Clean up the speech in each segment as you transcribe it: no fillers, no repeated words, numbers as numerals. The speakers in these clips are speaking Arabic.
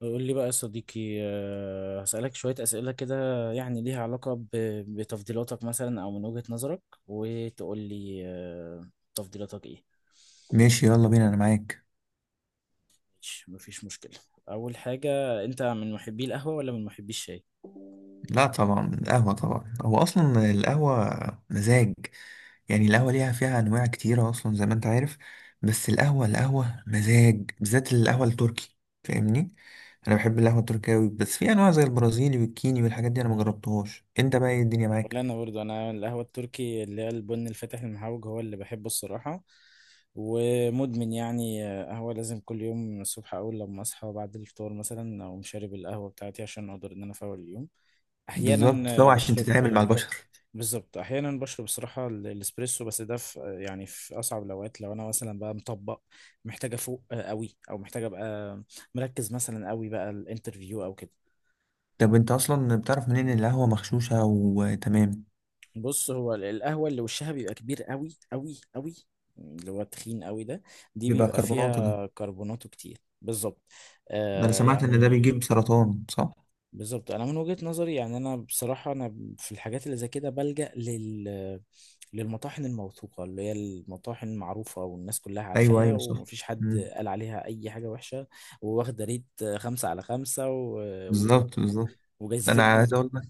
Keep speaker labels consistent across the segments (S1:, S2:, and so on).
S1: قول لي بقى يا صديقي هسألك شوية أسئلة كده يعني ليها علاقة بتفضيلاتك مثلا أو من وجهة نظرك وتقول لي تفضيلاتك إيه.
S2: ماشي، يلا بينا، انا معاك.
S1: ماشي، مفيش مشكلة. أول حاجة، أنت من محبي القهوة ولا من محبي الشاي؟
S2: لا طبعا القهوة، طبعا هو اصلا القهوة مزاج. يعني القهوة ليها فيها انواع كتيرة اصلا زي ما انت عارف. بس القهوة مزاج، بالذات القهوة التركي، فاهمني. انا بحب القهوة التركية أوي، بس في انواع زي البرازيلي والكيني والحاجات دي انا مجربتهاش. انت بقى ايه الدنيا
S1: ولا
S2: معاك؟
S1: أنا برضو، أنا القهوة التركي اللي هي البن الفاتح المحوج هو اللي بحبه الصراحة، ومدمن يعني قهوة لازم كل يوم الصبح. أول لما أصحى بعد الفطار مثلا أقوم شارب القهوة بتاعتي عشان أقدر إن أنا أفوق اليوم.
S2: بالظبط،
S1: أحيانا
S2: فهو عشان
S1: بشرب،
S2: تتعامل مع البشر.
S1: بالظبط، احيانا بشرب الصراحه الاسبريسو، بس ده في يعني في اصعب الاوقات، لو انا مثلا بقى مطبق محتاجه افوق قوي، او محتاجه ابقى مركز مثلا قوي بقى الانترفيو او كده.
S2: طب انت اصلا بتعرف منين ان القهوة مغشوشة وتمام؟
S1: بص، هو القهوه اللي وشها بيبقى كبير قوي قوي قوي، اللي هو التخين قوي ده، دي
S2: بيبقى
S1: بيبقى
S2: كربونات ده؟
S1: فيها كربوناته كتير بالظبط.
S2: ده انا
S1: آه
S2: سمعت ان ده
S1: يعني.
S2: بيجيب سرطان، صح؟
S1: بالظبط، انا من وجهه نظري يعني، انا بصراحه انا في الحاجات اللي زي كده بلجأ للمطاحن الموثوقة، اللي هي المطاحن المعروفة والناس كلها
S2: ايوه
S1: عارفاها
S2: ايوه، صح.
S1: ومفيش حد قال عليها أي حاجة وحشة، وواخدة ريت خمسة على خمسة و...
S2: بالظبط بالظبط. انا
S1: وجايزتين
S2: عايز
S1: نوبل.
S2: اقول لك،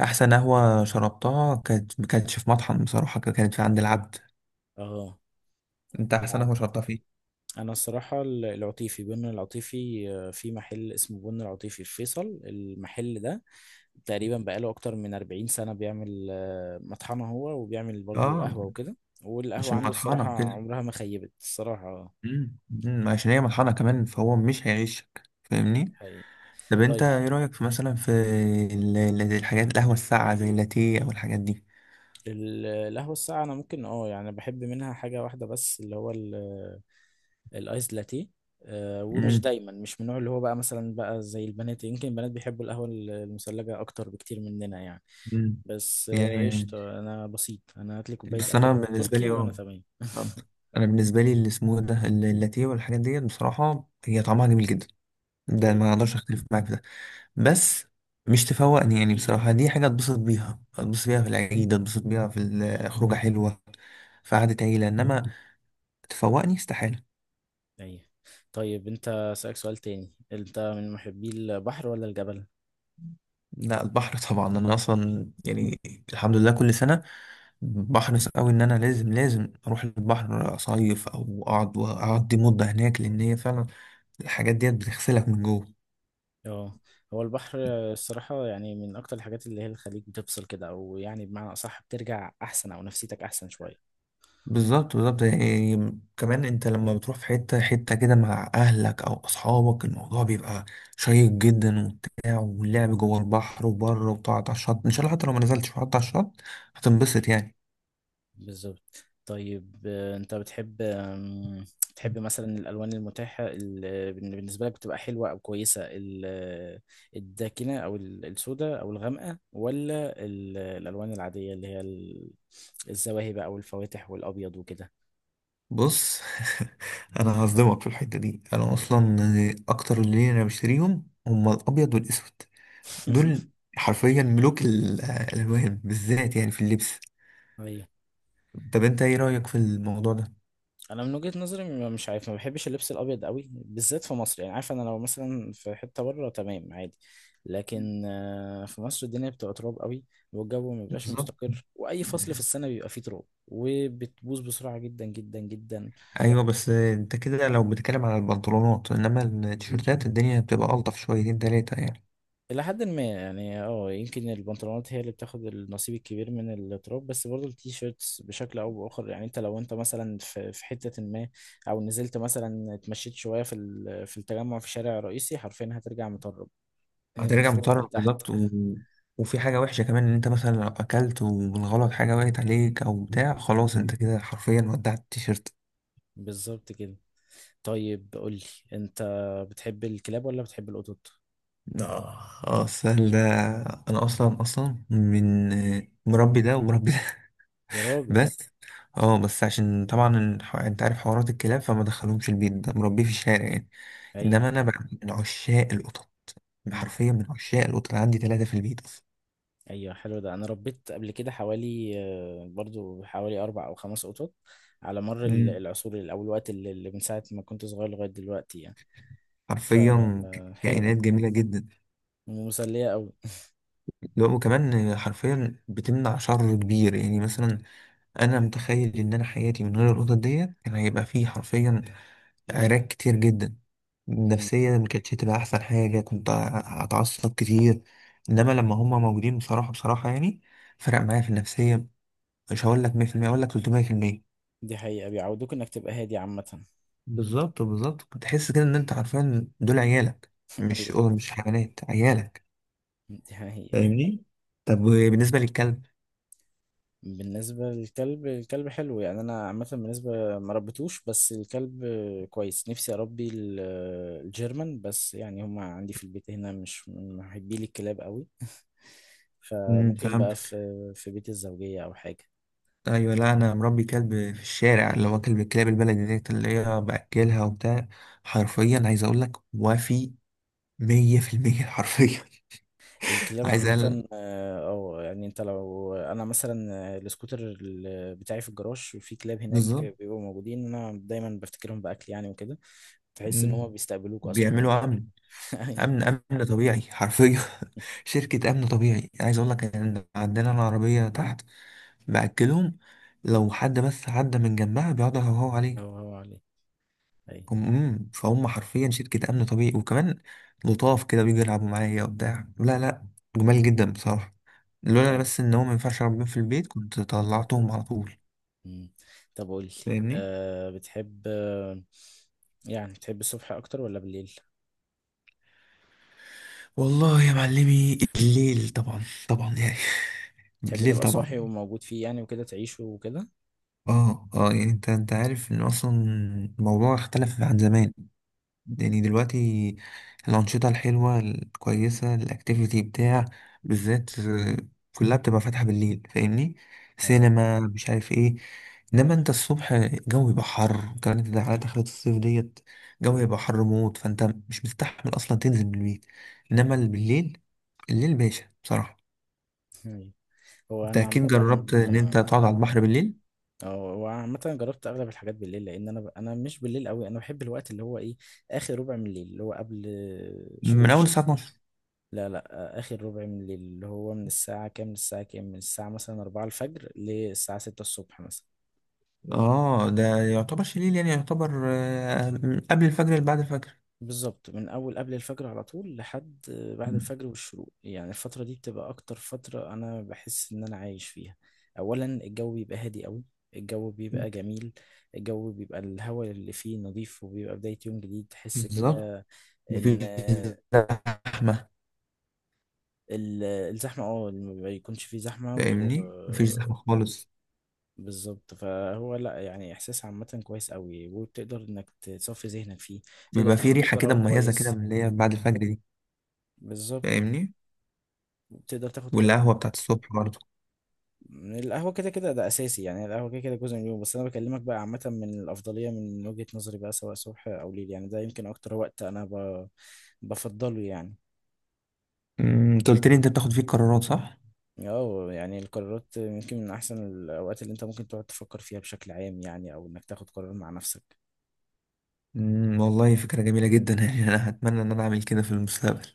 S2: احسن قهوه شربتها كانت، ما كانتش في مطحن بصراحه، كانت في عند العبد.
S1: اه،
S2: انت احسن
S1: العب.
S2: قهوه شربتها فيه؟
S1: أنا الصراحة العطيفي، بن العطيفي، في محل اسمه بن العطيفي في فيصل، المحل ده تقريبا بقاله أكتر من 40 سنة بيعمل مطحنة هو، وبيعمل برضو
S2: اه.
S1: قهوة وكده،
S2: مش
S1: والقهوة عنده
S2: المطحنه
S1: الصراحة
S2: كده؟
S1: عمرها ما خيبت الصراحة
S2: امم أمم، عشان هي مطحنه كمان، فهو مش هيعيشك، فاهمني.
S1: حقيقي.
S2: طب انت
S1: طيب
S2: ايه رايك في مثلا في الحاجات، القهوه الساقعه زي اللاتيه او الحاجات دي؟
S1: القهوة الساقعة أنا ممكن اه يعني بحب منها حاجة واحدة بس، اللي هو الآيس لاتيه. ومش
S2: امم
S1: دايما، مش من النوع اللي هو بقى مثلا بقى زي البنات. يمكن البنات بيحبوا القهوة المثلجة أكتر بكتير مننا يعني،
S2: أمم.
S1: بس
S2: يعني
S1: قشطة، أنا بسيط، أنا هاتلي كوباية
S2: بس انا
S1: قهوة
S2: بالنسبه لي،
S1: تركي وأنا
S2: اه
S1: تمام.
S2: فهمت. انا بالنسبه لي، اللي اسمه إيه ده، اللاتيه والحاجات ديت، بصراحه هي طعمها جميل جدا، ده
S1: أي،
S2: ما اقدرش اختلف معاك في ده. بس مش تفوقني يعني، بصراحة دي حاجة اتبسط بيها، اتبسط بيها في العيد، اتبسط بيها في الخروجة حلوة، في قعدة عيلة، انما تفوقني استحالة.
S1: أي. طيب أنت سألك سؤال تاني، أنت من محبي البحر ولا الجبل؟
S2: لا، البحر طبعا، انا اصلا يعني الحمد لله كل سنة بحرص قوي ان انا لازم لازم اروح البحر اصيف، او اقعد واقضي مدة هناك، لان هي فعلا الحاجات ديت بتغسلك من جوه.
S1: اه، هو البحر الصراحة يعني من أكتر الحاجات اللي هي الخليج بتفصل كده، أو يعني بمعنى أصح بترجع أحسن، أو نفسيتك أحسن شوية.
S2: بالظبط بالظبط، يعني كمان انت لما بتروح في حتة حتة كده مع اهلك او اصحابك، الموضوع بيبقى شيق جدا وبتاع، واللعب جوه البحر وبره، وتقعد على الشط ان شاء الله، حتى لو ما نزلتش وقعدت على الشط هتنبسط يعني.
S1: بالظبط. طيب أنت بتحب بتحب مثلا الألوان المتاحة اللي بالنسبة لك بتبقى حلوة أو كويسة، الداكنة أو السوداء أو الغامقة، ولا الألوان العادية اللي هي الزواهب أو الفواتح والأبيض وكده.
S2: بص، انا هصدمك في الحتة دي، انا اصلا اكتر اللي انا بشتريهم هما الابيض والاسود، دول حرفيا ملوك الالوان، بالذات يعني في اللبس.
S1: أيوه،
S2: طب انت ايه رأيك في الموضوع ده؟
S1: انا من وجهة نظري مش عارف، ما بحبش اللبس الابيض قوي بالذات في مصر. يعني عارف، انا لو مثلا في حتة بره تمام عادي، لكن في مصر الدنيا بتبقى تراب قوي، والجو ما بيبقاش
S2: بالظبط،
S1: مستقر، واي فصل في السنة بيبقى فيه تراب وبتبوظ بسرعة جدا جدا جدا.
S2: ايوه، بس انت كده لو بتتكلم على البنطلونات، انما التيشيرتات الدنيا بتبقى الطف شويتين تلاتة يعني.
S1: الى حد ما يعني، اه يمكن البنطلونات هي اللي بتاخد النصيب الكبير من التراب، بس برضه التيشيرتس بشكل او باخر يعني. انت لو انت مثلا في حتة ما، او نزلت مثلا اتمشيت شوية في في التجمع في شارع رئيسي، حرفيا هترجع مطرب من
S2: هترجع
S1: فوق
S2: مضطر
S1: لتحت.
S2: بالظبط و... وفي حاجة وحشة كمان، ان انت مثلا لو اكلت وبالغلط حاجة وقعت عليك او بتاع، خلاص انت كده حرفيا ودعت التيشيرت.
S1: بالظبط كده. طيب قول لي، انت بتحب الكلاب ولا بتحب القطط؟
S2: اه. السهل ده، انا اصلا من مربي ده ومربي ده.
S1: يا راجل.
S2: بس، عشان طبعا انت عارف حوارات الكلاب، فما دخلهمش البيت، ده مربيه في الشارع يعني.
S1: ايوه.
S2: انما انا بقى من عشاق القطط، أنا
S1: امم،
S2: حرفيا من عشاق القطط، عندي ثلاثة في البيت أصلا.
S1: ايوه، حلو ده. انا ربيت قبل كده حوالي برضو حوالي اربع او خمس قطط على مر
S2: امم
S1: العصور، او الوقت اللي من ساعه ما كنت صغير لغايه دلوقتي يعني.
S2: حرفيا
S1: فحلوه،
S2: كائنات جميلة جدا.
S1: ومسليه قوي.
S2: لو وكمان حرفيا بتمنع شر كبير، يعني مثلا أنا متخيل إن أنا حياتي من غير القطط ديت كان هيبقى فيه حرفيا عراك كتير جدا،
S1: مم.
S2: نفسيا ما كانتش هتبقى أحسن حاجة، كنت هتعصب كتير. إنما لما هما موجودين، بصراحة بصراحة يعني، فرق معايا في النفسية. مش هقول لك 100%، أقول لك 300%.
S1: دي حقيقه، بيعودوك انك تبقى هادي عامه.
S2: بالظبط بالظبط، بتحس كده ان انت عارفين دول عيالك، مش
S1: ايوه،
S2: أو مش حيوانات، عيالك،
S1: دي حقيقه.
S2: فاهمني. طب بالنسبه للكلب؟
S1: بالنسبة للكلب، الكلب حلو يعني، أنا عامة بالنسبة ما ربيتوش، بس الكلب كويس، نفسي أربي الجيرمان، بس يعني هما عندي في البيت هنا مش من محبي لي الكلاب قوي. فممكن بقى
S2: فهمت.
S1: في في بيت الزوجية أو حاجة.
S2: ايوه، لا انا مربي كلب في الشارع، اللي هو كلب الكلاب البلدي ديت اللي هي باكلها وبتاع. حرفيا عايز اقول لك وفي 100% حرفيا.
S1: الكلاب
S2: عايز اقول
S1: عامة أو يعني، أنت لو أنا مثلا السكوتر بتاعي في الجراج، وفي كلاب هناك
S2: بالظبط.
S1: بيبقوا موجودين، أنا دايما بفتكرهم بأكل يعني وكده، تحس إن هما
S2: مم.
S1: بيستقبلوك أصلا وأنت.
S2: بيعملوا عمل امن طبيعي حرفيا. شركه امن طبيعي، عايز اقول لك ان عندنا العربيه تحت، باكلهم لو حد بس عدى من جنبها بيقعدوا يهوهوا عليه.
S1: هو هو عليه.
S2: هم، فهم حرفيا شركه امن طبيعي، وكمان لطاف كده بيجوا يلعبوا معايا وبتاع، لا لا، جمال جدا بصراحه. لولا
S1: طيب
S2: بس ان هو ما ينفعش ربنا في البيت، كنت
S1: كنت أبيض.
S2: طلعتهم على طول،
S1: مم. طب قول لي،
S2: فاهمني.
S1: أه بتحب يعني بتحب الصبح أكتر ولا بالليل؟
S2: والله يا معلمي، الليل طبعا، طبعا يعني.
S1: تحب
S2: الليل
S1: تبقى صاحي
S2: طبعا.
S1: وموجود فيه يعني وكده، تعيشه وكده؟
S2: اه يعني انت عارف ان اصلا الموضوع اختلف عن زمان. يعني دلوقتي الانشطه الحلوه الكويسه، الاكتيفيتي بتاع، بالذات كلها بتبقى فاتحه بالليل، فاهمني.
S1: أيوة.
S2: سينما، مش عارف ايه. انما انت الصبح الجو يبقى حر، وكمان انت على دخلة الصيف ديت الجو يبقى حر موت، فانت مش مستحمل اصلا تنزل من البيت. انما اللي بالليل، الليل باشا بصراحه.
S1: أيوة. هو
S2: انت
S1: أنا
S2: اكيد
S1: عامة
S2: جربت ان انت
S1: آه،
S2: تقعد على البحر بالليل.
S1: اه هو عامة جربت أغلب الحاجات بالليل، لأن أنا أنا مش بالليل أوي. أنا بحب الوقت اللي هو إيه، آخر ربع من الليل اللي هو قبل شروق
S2: من اول
S1: الشمس.
S2: الساعه.
S1: لا لا، آخر ربع من الليل، اللي هو من الساعة كام للساعة كام، من الساعة مثلا 4 الفجر للساعة 6 الصبح مثلا.
S2: اه ده يعتبر شليل، يعني يعتبر من قبل الفجر اللي بعد الفجر.
S1: بالظبط من اول قبل الفجر على طول لحد بعد الفجر والشروق يعني. الفتره دي بتبقى اكتر فتره انا بحس ان انا عايش فيها. اولا الجو بيبقى هادي قوي، الجو بيبقى جميل، الجو بيبقى الهواء اللي فيه نظيف، وبيبقى بدايه يوم جديد تحس
S2: بالظبط،
S1: كده. ان
S2: مفيش زحمة،
S1: الزحمه، اه ما بيكونش فيه زحمه، و
S2: فاهمني، مفيش زحمة خالص.
S1: بالظبط، فهو لا يعني احساس عامه كويس قوي، وبتقدر انك تصفي ذهنك فيه، تقدر
S2: بيبقى في
S1: تاخد
S2: ريحة كده
S1: قرار
S2: مميزة كده،
S1: كويس.
S2: من اللي هي بعد الفجر دي،
S1: بالظبط،
S2: فاهمني.
S1: تقدر تاخد قرار.
S2: والقهوة بتاعت الصبح برضه.
S1: القهوة كده كده ده أساسي يعني، القهوة كده كده جزء من اليوم، بس أنا بكلمك بقى عامة من الأفضلية من وجهة نظري بقى سواء صبح أو ليل. يعني ده يمكن أكتر وقت أنا بفضله يعني.
S2: انت قلت لي انت بتاخد فيه قرارات، صح؟
S1: اه يعني القرارات يمكن من أحسن الأوقات اللي أنت ممكن تقعد تفكر فيها بشكل عام يعني، أو إنك تاخد قرار مع نفسك.
S2: والله فكرة جميلة جدا، يعني انا هتمنى ان انا اعمل كده في المستقبل.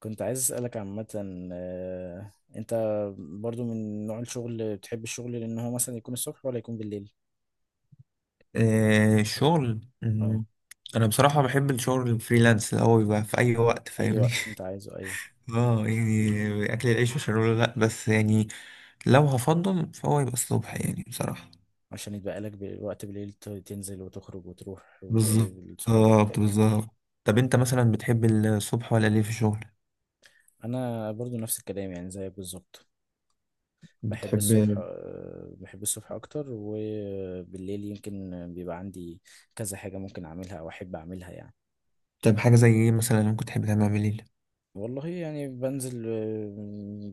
S1: كنت عايز أسألك عامة، أنت برضو من نوع الشغل بتحب الشغل، لأن هو مثلا يكون الصبح ولا يكون بالليل؟
S2: الشغل.
S1: اه،
S2: انا بصراحة بحب الشغل الفريلانس، اللي هو بيبقى في اي وقت،
S1: أي
S2: فاهمني.
S1: وقت أنت عايزه، أيوه،
S2: اه يعني اكل العيش وشرب، لا بس يعني لو هفضل فهو يبقى الصبح يعني بصراحة.
S1: عشان يتبقى لك وقت بالليل تنزل وتخرج وتروح
S2: بالظبط
S1: وتقابل صحابك
S2: بالظبط
S1: وكده.
S2: بالظبط. طب انت مثلا بتحب الصبح ولا الليل في الشغل؟
S1: انا برضو نفس الكلام يعني زيك بالظبط. بحب
S2: بتحب.
S1: الصبح بحب الصبح اكتر، وبالليل يمكن بيبقى عندي كذا حاجة ممكن اعملها او احب اعملها يعني.
S2: طب حاجة زي ايه مثلا ممكن تحب تعملها بالليل؟
S1: والله يعني بنزل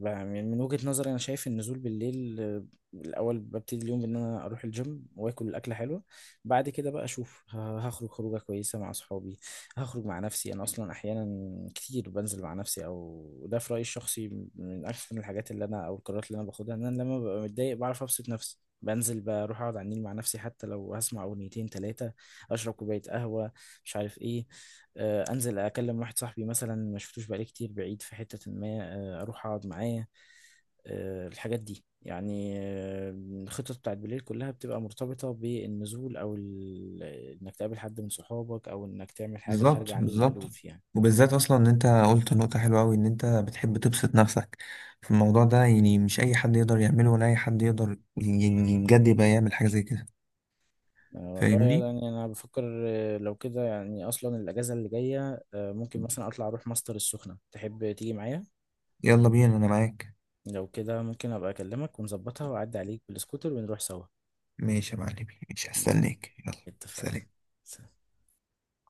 S1: يعني من وجهة نظري انا شايف النزول بالليل، الاول ببتدي اليوم بان انا اروح الجيم واكل اكله حلوه، بعد كده بقى اشوف هخرج خروجه كويسه مع اصحابي، هخرج مع نفسي، انا اصلا احيانا كتير بنزل مع نفسي، او ده في رايي الشخصي من احسن الحاجات اللي انا او القرارات اللي انا باخدها، ان انا لما ببقى متضايق بعرف ابسط نفسي، بنزل بروح اقعد على النيل مع نفسي، حتى لو هسمع اغنيتين ثلاثه، اشرب كوبايه قهوه، مش عارف ايه. انزل اكلم واحد صاحبي مثلا ما شفتوش بقالي كتير بعيد في حتة ما، اروح اقعد معاه. الحاجات دي يعني، الخطط بتاعت بالليل كلها بتبقى مرتبطة بالنزول، او انك تقابل حد من صحابك، او انك تعمل حاجة خارجة
S2: بالظبط
S1: عن
S2: بالظبط،
S1: المألوف يعني.
S2: وبالذات اصلا ان انت قلت نقطة حلوة اوي، ان انت بتحب تبسط نفسك في الموضوع ده، يعني مش اي حد يقدر يعمله، ولا اي حد يقدر يعني بجد يبقى يعمل حاجة زي كده،
S1: والله
S2: فاهمني.
S1: يعني انا بفكر لو كده يعني، اصلا الاجازة اللي جاية ممكن مثلا اطلع اروح ماستر السخنة، تحب تيجي معايا؟
S2: يلا بينا انا معاك.
S1: لو كده ممكن ابقى اكلمك ونظبطها واعدي عليك بالسكوتر ونروح سوا
S2: ماشي يا معلمي، ماشي،
S1: يعني.
S2: هستناك، يلا.
S1: اتفقنا.
S2: سلام.